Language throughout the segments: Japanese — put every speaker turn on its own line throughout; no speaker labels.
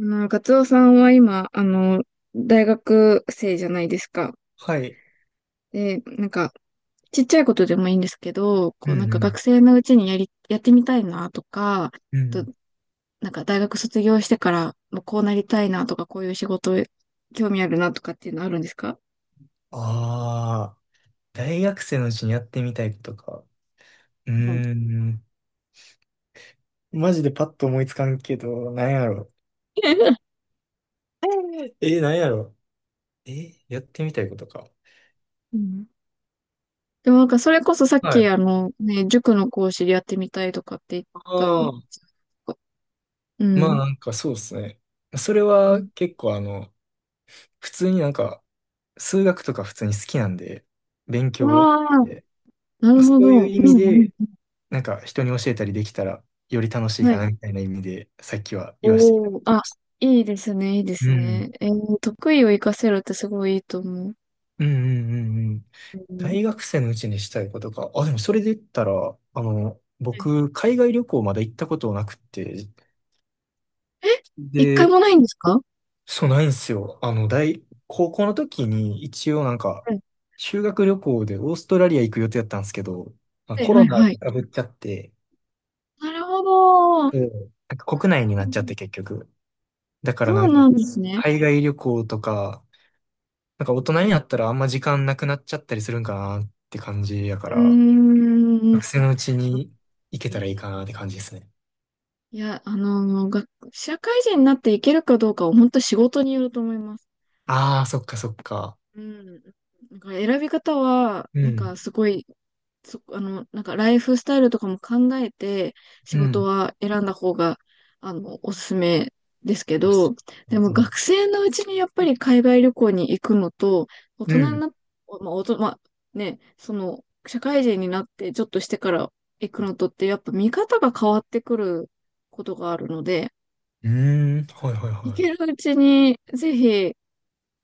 ガツオさんは今、大学生じゃないですか。
はい。
で、なんか、ちっちゃいことでもいいんですけど、こ
う
う、なんか学
ん
生のうちにやってみたいなとか、
うん。う
と、
ん。
なんか大学卒業してから、もうこうなりたいなとか、こういう仕事、興味あるなとかっていうのあるんですか？
ああ、大学生のうちにやってみたいことか。うー
うん。
ん。マジでパッと思いつかんけど、なんやろ。なんやろ。やってみたいことか。
うん。でもなんか、それこそさっ
は
き、
い。
ね、塾の講師でやってみたいとかって言っ
あ
た。
あ、
う
まあ
ん。
なんかそうですね。それ
う
は
ん。
結構普通になんか、数学とか普通に好きなんで、勉強
わあ、
で、
なる
そ
ほ
うい
ど。
う
うん
意味
う
で、
ん。
なんか人に教えたりできたらより楽しい
は
か
い。
なみたいな意味で、さっきは言わせて。
おお、あ、いいですね、いいです
う
ね。
ん
得意を活かせるってすごいいいと思う。
うんうんうんうん。
うん。
大学生のうちにしたいことか。あ、でもそれで言ったら、
はい。
僕、海外旅行まだ行ったことなくて、
え、一回
で、
もないんですか？
そうないんですよ。高校の時に一応なんか、
はい、
修学旅行でオーストラリア行く予定だったんですけど、まあ
はい、
コ
は
ロ
い。
ナ
はい。
がぶっちゃって、
なるほど。
うん、なんか国内に
う
なっちゃっ
ん。
て結局。だから
そ
な
う
んか、
なんですね。
海外旅行とか、なんか大人になったらあんま時間なくなっちゃったりするんかなって感じやか
う
ら、
ーん。
学生のうちに行けたらいいかなって感じですね。
いや、が、社会人になっていけるかどうかは本当仕事によると思います。
ああ、そっかそっか。
うん。なんか選び方は、
う
なん
ん。
かすごい、そ、あの、なんかライフスタイルとかも考えて仕
う
事
ん。
は選んだ方が、あの、おすすめですけど、で
う
も
ん。
学生のうちにやっぱり海外旅行に行くのと、大
う
人に
ん。
なっ、まあ、まあ、ね、その、社会人になってちょっとしてから行くのとって、やっぱ見方が変わってくることがあるので、
うーん。はいはい
行
は
け
い。
るうちにぜひ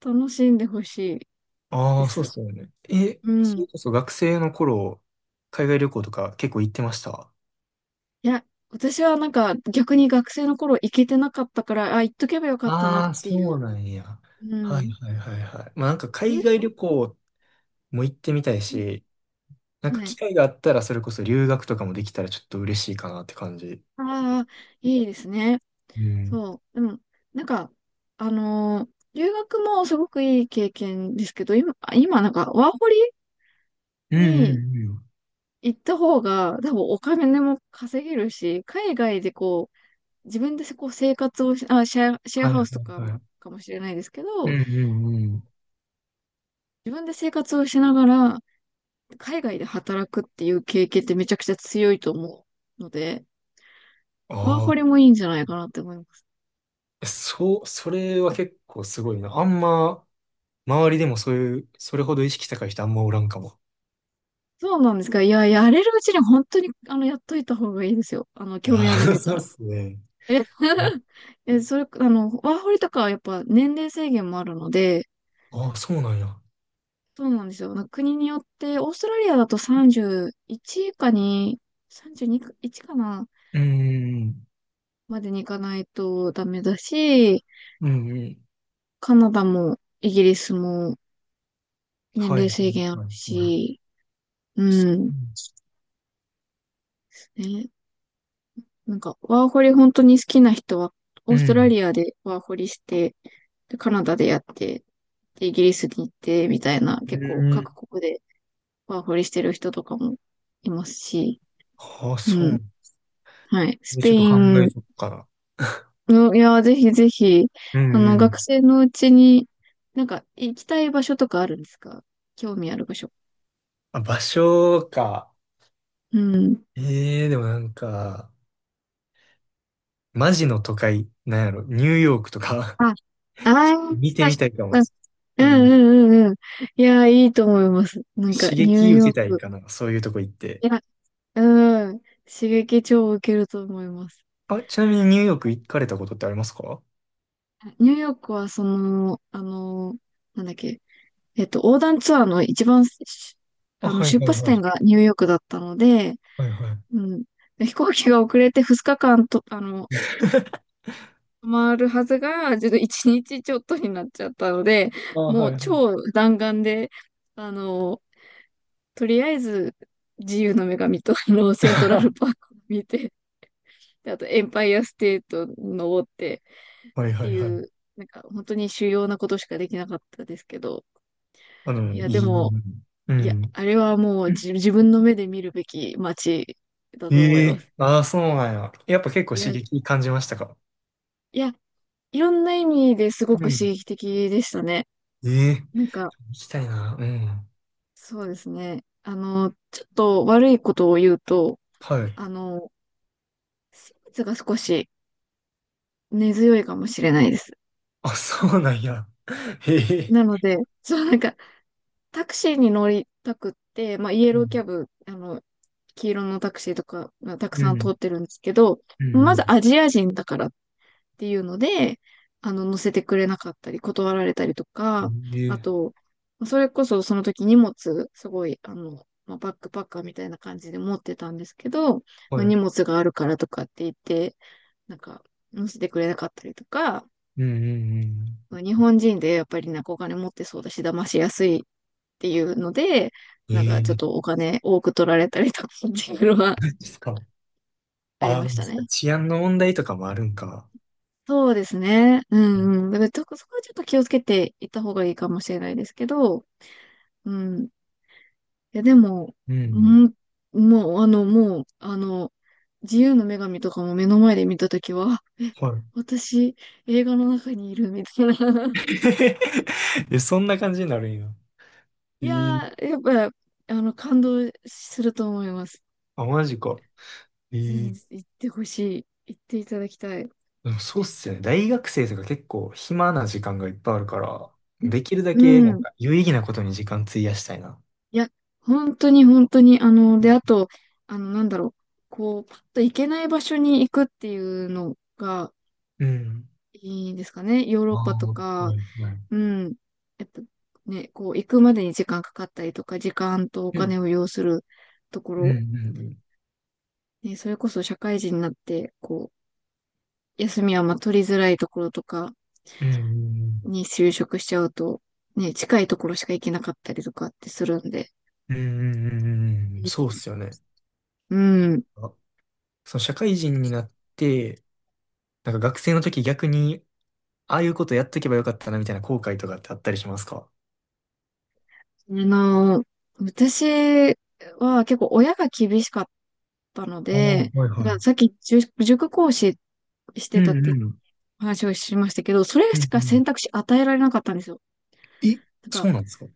楽しんでほしい
あ
で
あ、そうっ
す。
すよね。え、
う
そ
ん。
れこそ学生の頃、海外旅行とか結構行ってました？
いや、私はなんか逆に学生の頃行けてなかったから、あ、行っとけばよかったなっ
ああ、
て
そ
い
う
う。
なんや。
う
はい
ん。
はいはいはい。まあなんか海
え、
外旅行も行ってみたい
うん。
し、なん
は
か機
い。
会があったらそれこそ留学とかもできたらちょっと嬉しいかなって感じ。
ああ、いいですね。
うん。
そう。うん。なんか、留学もすごくいい経験ですけど、今、今なんかワーホリ
うんう
に
んうん。
行った方が多分お金も稼げるし、海外でこう、自分でこう生活をし、あ、シェア
はい
ハ
は
ウスとか
いはい。
かもしれないですけ
う
ど、
んうんうん。
自分で生活をしながら、海外で働くっていう経験ってめちゃくちゃ強いと思うので、ワー
あ
ホ
あ、
リもいいんじゃないかなって思います。
えそう、それは結構すごいな。あんま、周りでもそういう、それほど意識高い人あんまおらんかも。
そうなんですか。いや、やれるうちに本当に、あの、やっといた方がいいですよ。あの、
い
興味あるん
や、
だった
そうっ
ら。
すね。
え、え、それ、あの、ワーホリとかはやっぱ年齢制限もあるので、
ああ、そうなんや。
そうなんですよ。なんか国によって、オーストラリアだと31以下に、32か、1かな、
うーん、
までに行かないとダメだし、
うん、うん。
カナダもイギリスも年
は
齢
い。
制限ある
はい、はい。
し、うん。ね、なんか、ワーホリ本当に好きな人は、オ
う
ーストラ
ん。
リアでワーホリして、で、カナダでやって、で、イギリスに行って、みたいな、
う
結構各
ん。
国でワーホリしてる人とかもいますし、
ああ、そ
う
う。
ん。はい。ス
でち
ペ
ょっと
イ
考
ン
えとくから。
の、いや、ぜひぜひ、
う
あ
んう
の、
ん。
学生のうちに、なんか、行きたい場所とかあるんですか？興味ある場所。
あ、場所か。
うん。
ええでもなんか、マジの都会、なんやろ、ニューヨークとか、
あ、あ ー
見
そ
てみたいか
うで
も。
す。う
う
ん
ん。
うんうんうん。いやー、いいと思います。なんか、
刺
ニュー
激受
ヨー
けたい
ク。
かな、そういうとこ行って。
いや、うん。刺激超受けると思います。
あ、ちなみにニューヨーク行かれたことってありますか？
ニューヨークは、その、あの、なんだっけ、横断ツアーの一番、し
あ、
あの、
はい
出
はい
発
はい。
点がニューヨークだったので、
はいはい。
うん。飛行機が遅れて2日間と、あの、止まるはずが、ちょっと1日ちょっとになっちゃったので、
あ、
も
はい
う
はい。
超弾丸で、あの、とりあえず、自由の女神と、あの、セントラルパー クを見て、で、あと、エンパイアステート登って
はい
っ
は
て
いはいは
い
い。
う、なんか、本当に主要なことしかできなかったですけど、いや、で
い
も、
い。う
いや、
ん。
あれはもう自分の目で見るべき街だと思い
え
ま
え、
す。
ああ、そうなんや。やっぱ結構
いや、
刺
い
激感じましたか？
や、いろんな意味ですご
う
く
ん。
刺激的でしたね。
ええ、
なんか、
行きたいな。うん。
そうですね。あの、ちょっと悪いことを言うと、
はい。
あの、生物が少し根強いかもしれないです。
あ、そうなんや。へえ。
なので、そう、なんか、タクシーに乗りたくって、まあ、イエ
う
ローキャ
ん。
ブ、あの、黄色のタクシーとかがたく
う
さん通
ん。
ってるんですけど、
う
ま
ん。
ずアジア人だからっていうので、あの、乗せてくれなかったり、断られたりとか、
うん
あ
ええ、
と、それこそその時荷物、すごい、あの、まあ、バックパッカーみたいな感じで持ってたんですけど、まあ、
は
荷
い。
物があるからとかって言って、なんか、乗せてくれなかったりとか、
うんうん
まあ日本人でやっぱりなんかお金持ってそうだし、騙しやすいっていうので、
う
なんかちょっ
ん。え
と
え、
お金多く取られたりとかっていうのは
マジっすか。
あり
あ
ました
あ、
ね。
治安の問題とかもあるんか。
そうですね。うんうん。だからちょっとそこはちょっと気をつけていった方がいいかもしれないですけど、うん。いやでも、
う
う
ん。
ん、もうあの、自由の女神とかも目の前で見たときは、あえ、
は
私、映画の中にいるみたいな。
い。え、そんな感じになるんや。
い
え
や
ー、
ー、やっぱ、あの、感動すると思います。
あ、マジか。え
全然
ー、
行ってほしい。行っていただきたい。
でもそうっすよね。大学生とか結構暇な時間がいっぱいあるから、できるだ
う
けなん
ん。
か有意義なことに時間費やしたいな。
いや、本当に本当に、あの、で、あと、あの、なんだろう、こう、パッと行けない場所に行くっていうのが
うん。
いいですかね。ヨーロッ
あ
パ
あ、
とか、
はいはい。
うん、やっぱね、こう、行くまでに時間かかったりとか、時間とお
う
金
ん。
を要するとこ
うんう
ろ、
ん
ね、それこそ社会人になって、こう、休みはまあ取りづらいところとか
うん。うん
に就職しちゃうと、ね、近いところしか行けなかったりとかってするんで、
うんうんうんうんうん。
う
そうっ
ん、
すよね。
うん。
あ、その社会人になって、なんか学生の時逆にああいうことやっとけばよかったなみたいな後悔とかってあったりしますか？
あの、私は結構親が厳しかったの
ああ、
で、
はい
だから
は
さっき塾講師し
い。
て
う
たって
んうん。
話をしましたけど、それ
う
し
んう
か選
ん、
択肢与えられなかったんですよ。
え、
なんか、
そうなんですか？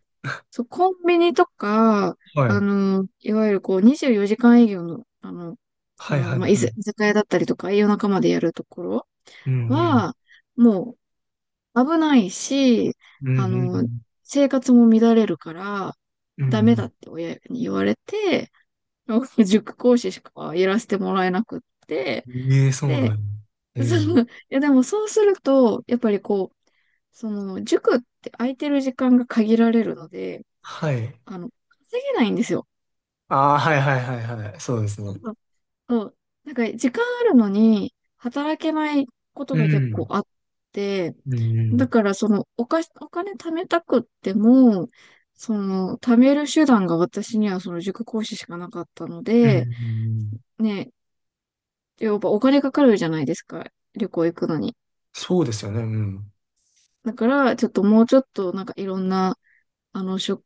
そう、コンビニとか、
はい。
いわゆるこう24時間営業の、あの、あ
はい
の、
はい
まあ、
はい。
居酒屋だったりとか、夜中までやるところ
うんうん。
は、もう危ないし、
うん
あ
う
の、
ん
生活も乱れるから、
うん。う
ダメだ
ん
って親に言われて、塾講師しかやらせてもらえなくって、
うんええ、そうな
で、
んや。う
その、
ん。
いやでもそうすると、やっぱりこう、その、塾って空いてる時間が限られるので、
はい。
あの、稼げないんですよ。
ああ、はいはいはいはい。そうですね。
うん。そう。なんか、時間あるのに、働けないこと
う
が結構
ん。
あって、
うんう
だ
ん。
から、その、お金貯めたくっても、その、貯める手段が私にはその塾講師しかなかったの
うんうんう
で、
ん。
ね、やっぱお金かかるじゃないですか。旅行行くのに。
そうですよね。うん。
だから、ちょっともうちょっとなんかいろんな、あの、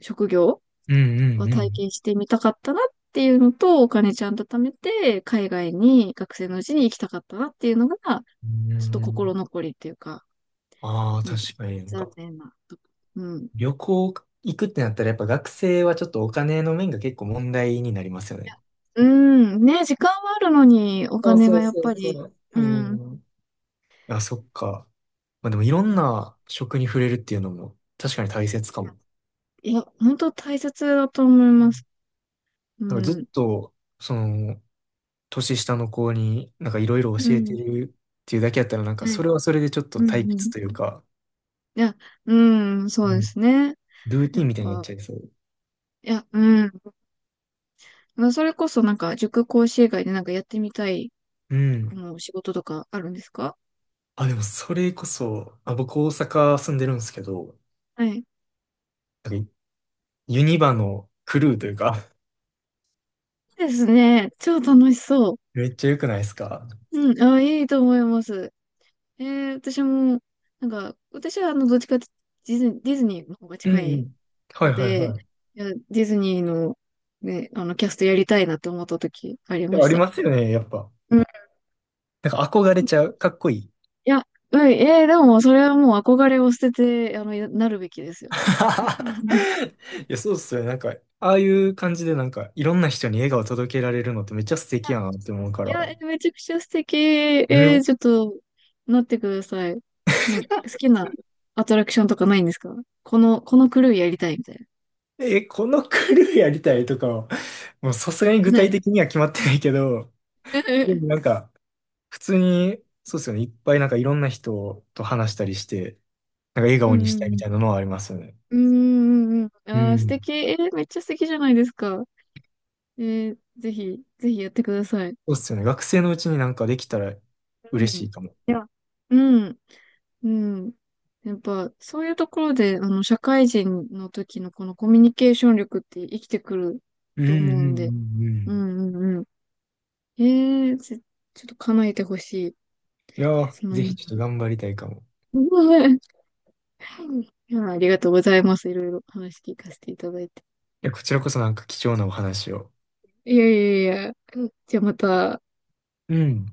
職業
うんう
は
んう
体
ん。
験してみたかったなっていうのと、お金ちゃんと貯めて、海外に学生のうちに行きたかったなっていうのが、
う
ちょっと心
ん。
残りっていうか、
ああ、
うん。
確かになん
残
か。
念なとこ。うん。
旅行行くってなったらやっぱ学生はちょっとお金の面が結構問題になりますよね。
うん。ね、時間はあるのに、お
そう
金
そ
が
う
やっ
そう
ぱ
そ
り、
う。う
うん。
ん。あ、そっか。まあでもいろん
そう。
な食に触れるっていうのも確かに大切
い
か
や、
も。
いや、本当大切だと思い
う
ます。
ん、
う
なんかずっ
ん。
と、その、年下の子になんかいろいろ
う
教えて
ん。
るっていうだけやったらなんか
は
そ
い。
れはそれでちょっと
うん
退
う
屈
ん。
というか、
いや、うん、そうで
うん、
すね。
ルーテ
や
ィ
っ
ンみたいになっ
ぱ、
ちゃいそう。
いや、うん。まあ、それこそなんか、塾講師以外でなんかやってみたい、
うん。
もう仕事とかあるんですか？
あ、でもそれこそ、あ、僕大阪住んでるんですけど、
はい。
なんかユニバのクルーというか、
ですね。超楽しそ
めっちゃ良くないですか？
う。うん、あ、いいと思います。えー、私も、なんか、私はあの、どっちかってディズニーの方が
うん
近
う
い
ん。は
の
いはい
で、い
はい。
や、ディズニーの、ね、あの、キャストやりたいなって思った時あり
い
ま
やあ
し
り
た。
ますよね、やっぱ。
うん、い
なんか憧れちゃう。かっこいい。い
や、うん、えーでも、それはもう憧れを捨てて、あの、なるべきですよ。うん。い
や、そうっすよね。なんか、ああいう感じでなんか、いろんな人に笑顔届けられるのってめっちゃ素敵
や、
やなって思うか
い
ら。
や、えめちゃくちゃ素敵。え
ね。
ーちょっと、なってください。なんか好きなアトラクションとかないんですか？このクルーやりたいみたい
え、このクルーやりたいとかは、もうさすがに
な。
具
な
体
い。
的には決まってないけど、でもなん か、普通に、そうっすよね。いっぱいなんかいろんな人と話したりして、なんか笑
うん
顔にし
う
たい
んう
みたい
ん。
なのはありますよね。
うんうんうん。
う
ああ、素
ん。
敵。えーめっちゃ素敵じゃないですか。えーぜひ、ぜひやってください。
そうっすよね。学生のうちになんかできたら
う
嬉し
ん。
いかも。
うん。うん。やっぱ、そういうところで、あの、社会人の時のこのコミュニケーション力って生きてくる
うんう
と
ん
思うんで、
うんう
う
ん、
んうんうん。ええち、ちょっと叶えてほしい。
いやー、
その
ぜひ
夢。
ちょっと頑張りたいかも。
うん。 いや、ありがとうございます。いろいろ話聞かせていただいて。
いや、こちらこそなんか貴重なお話を。
いやいやいや。じゃあまた、
うん。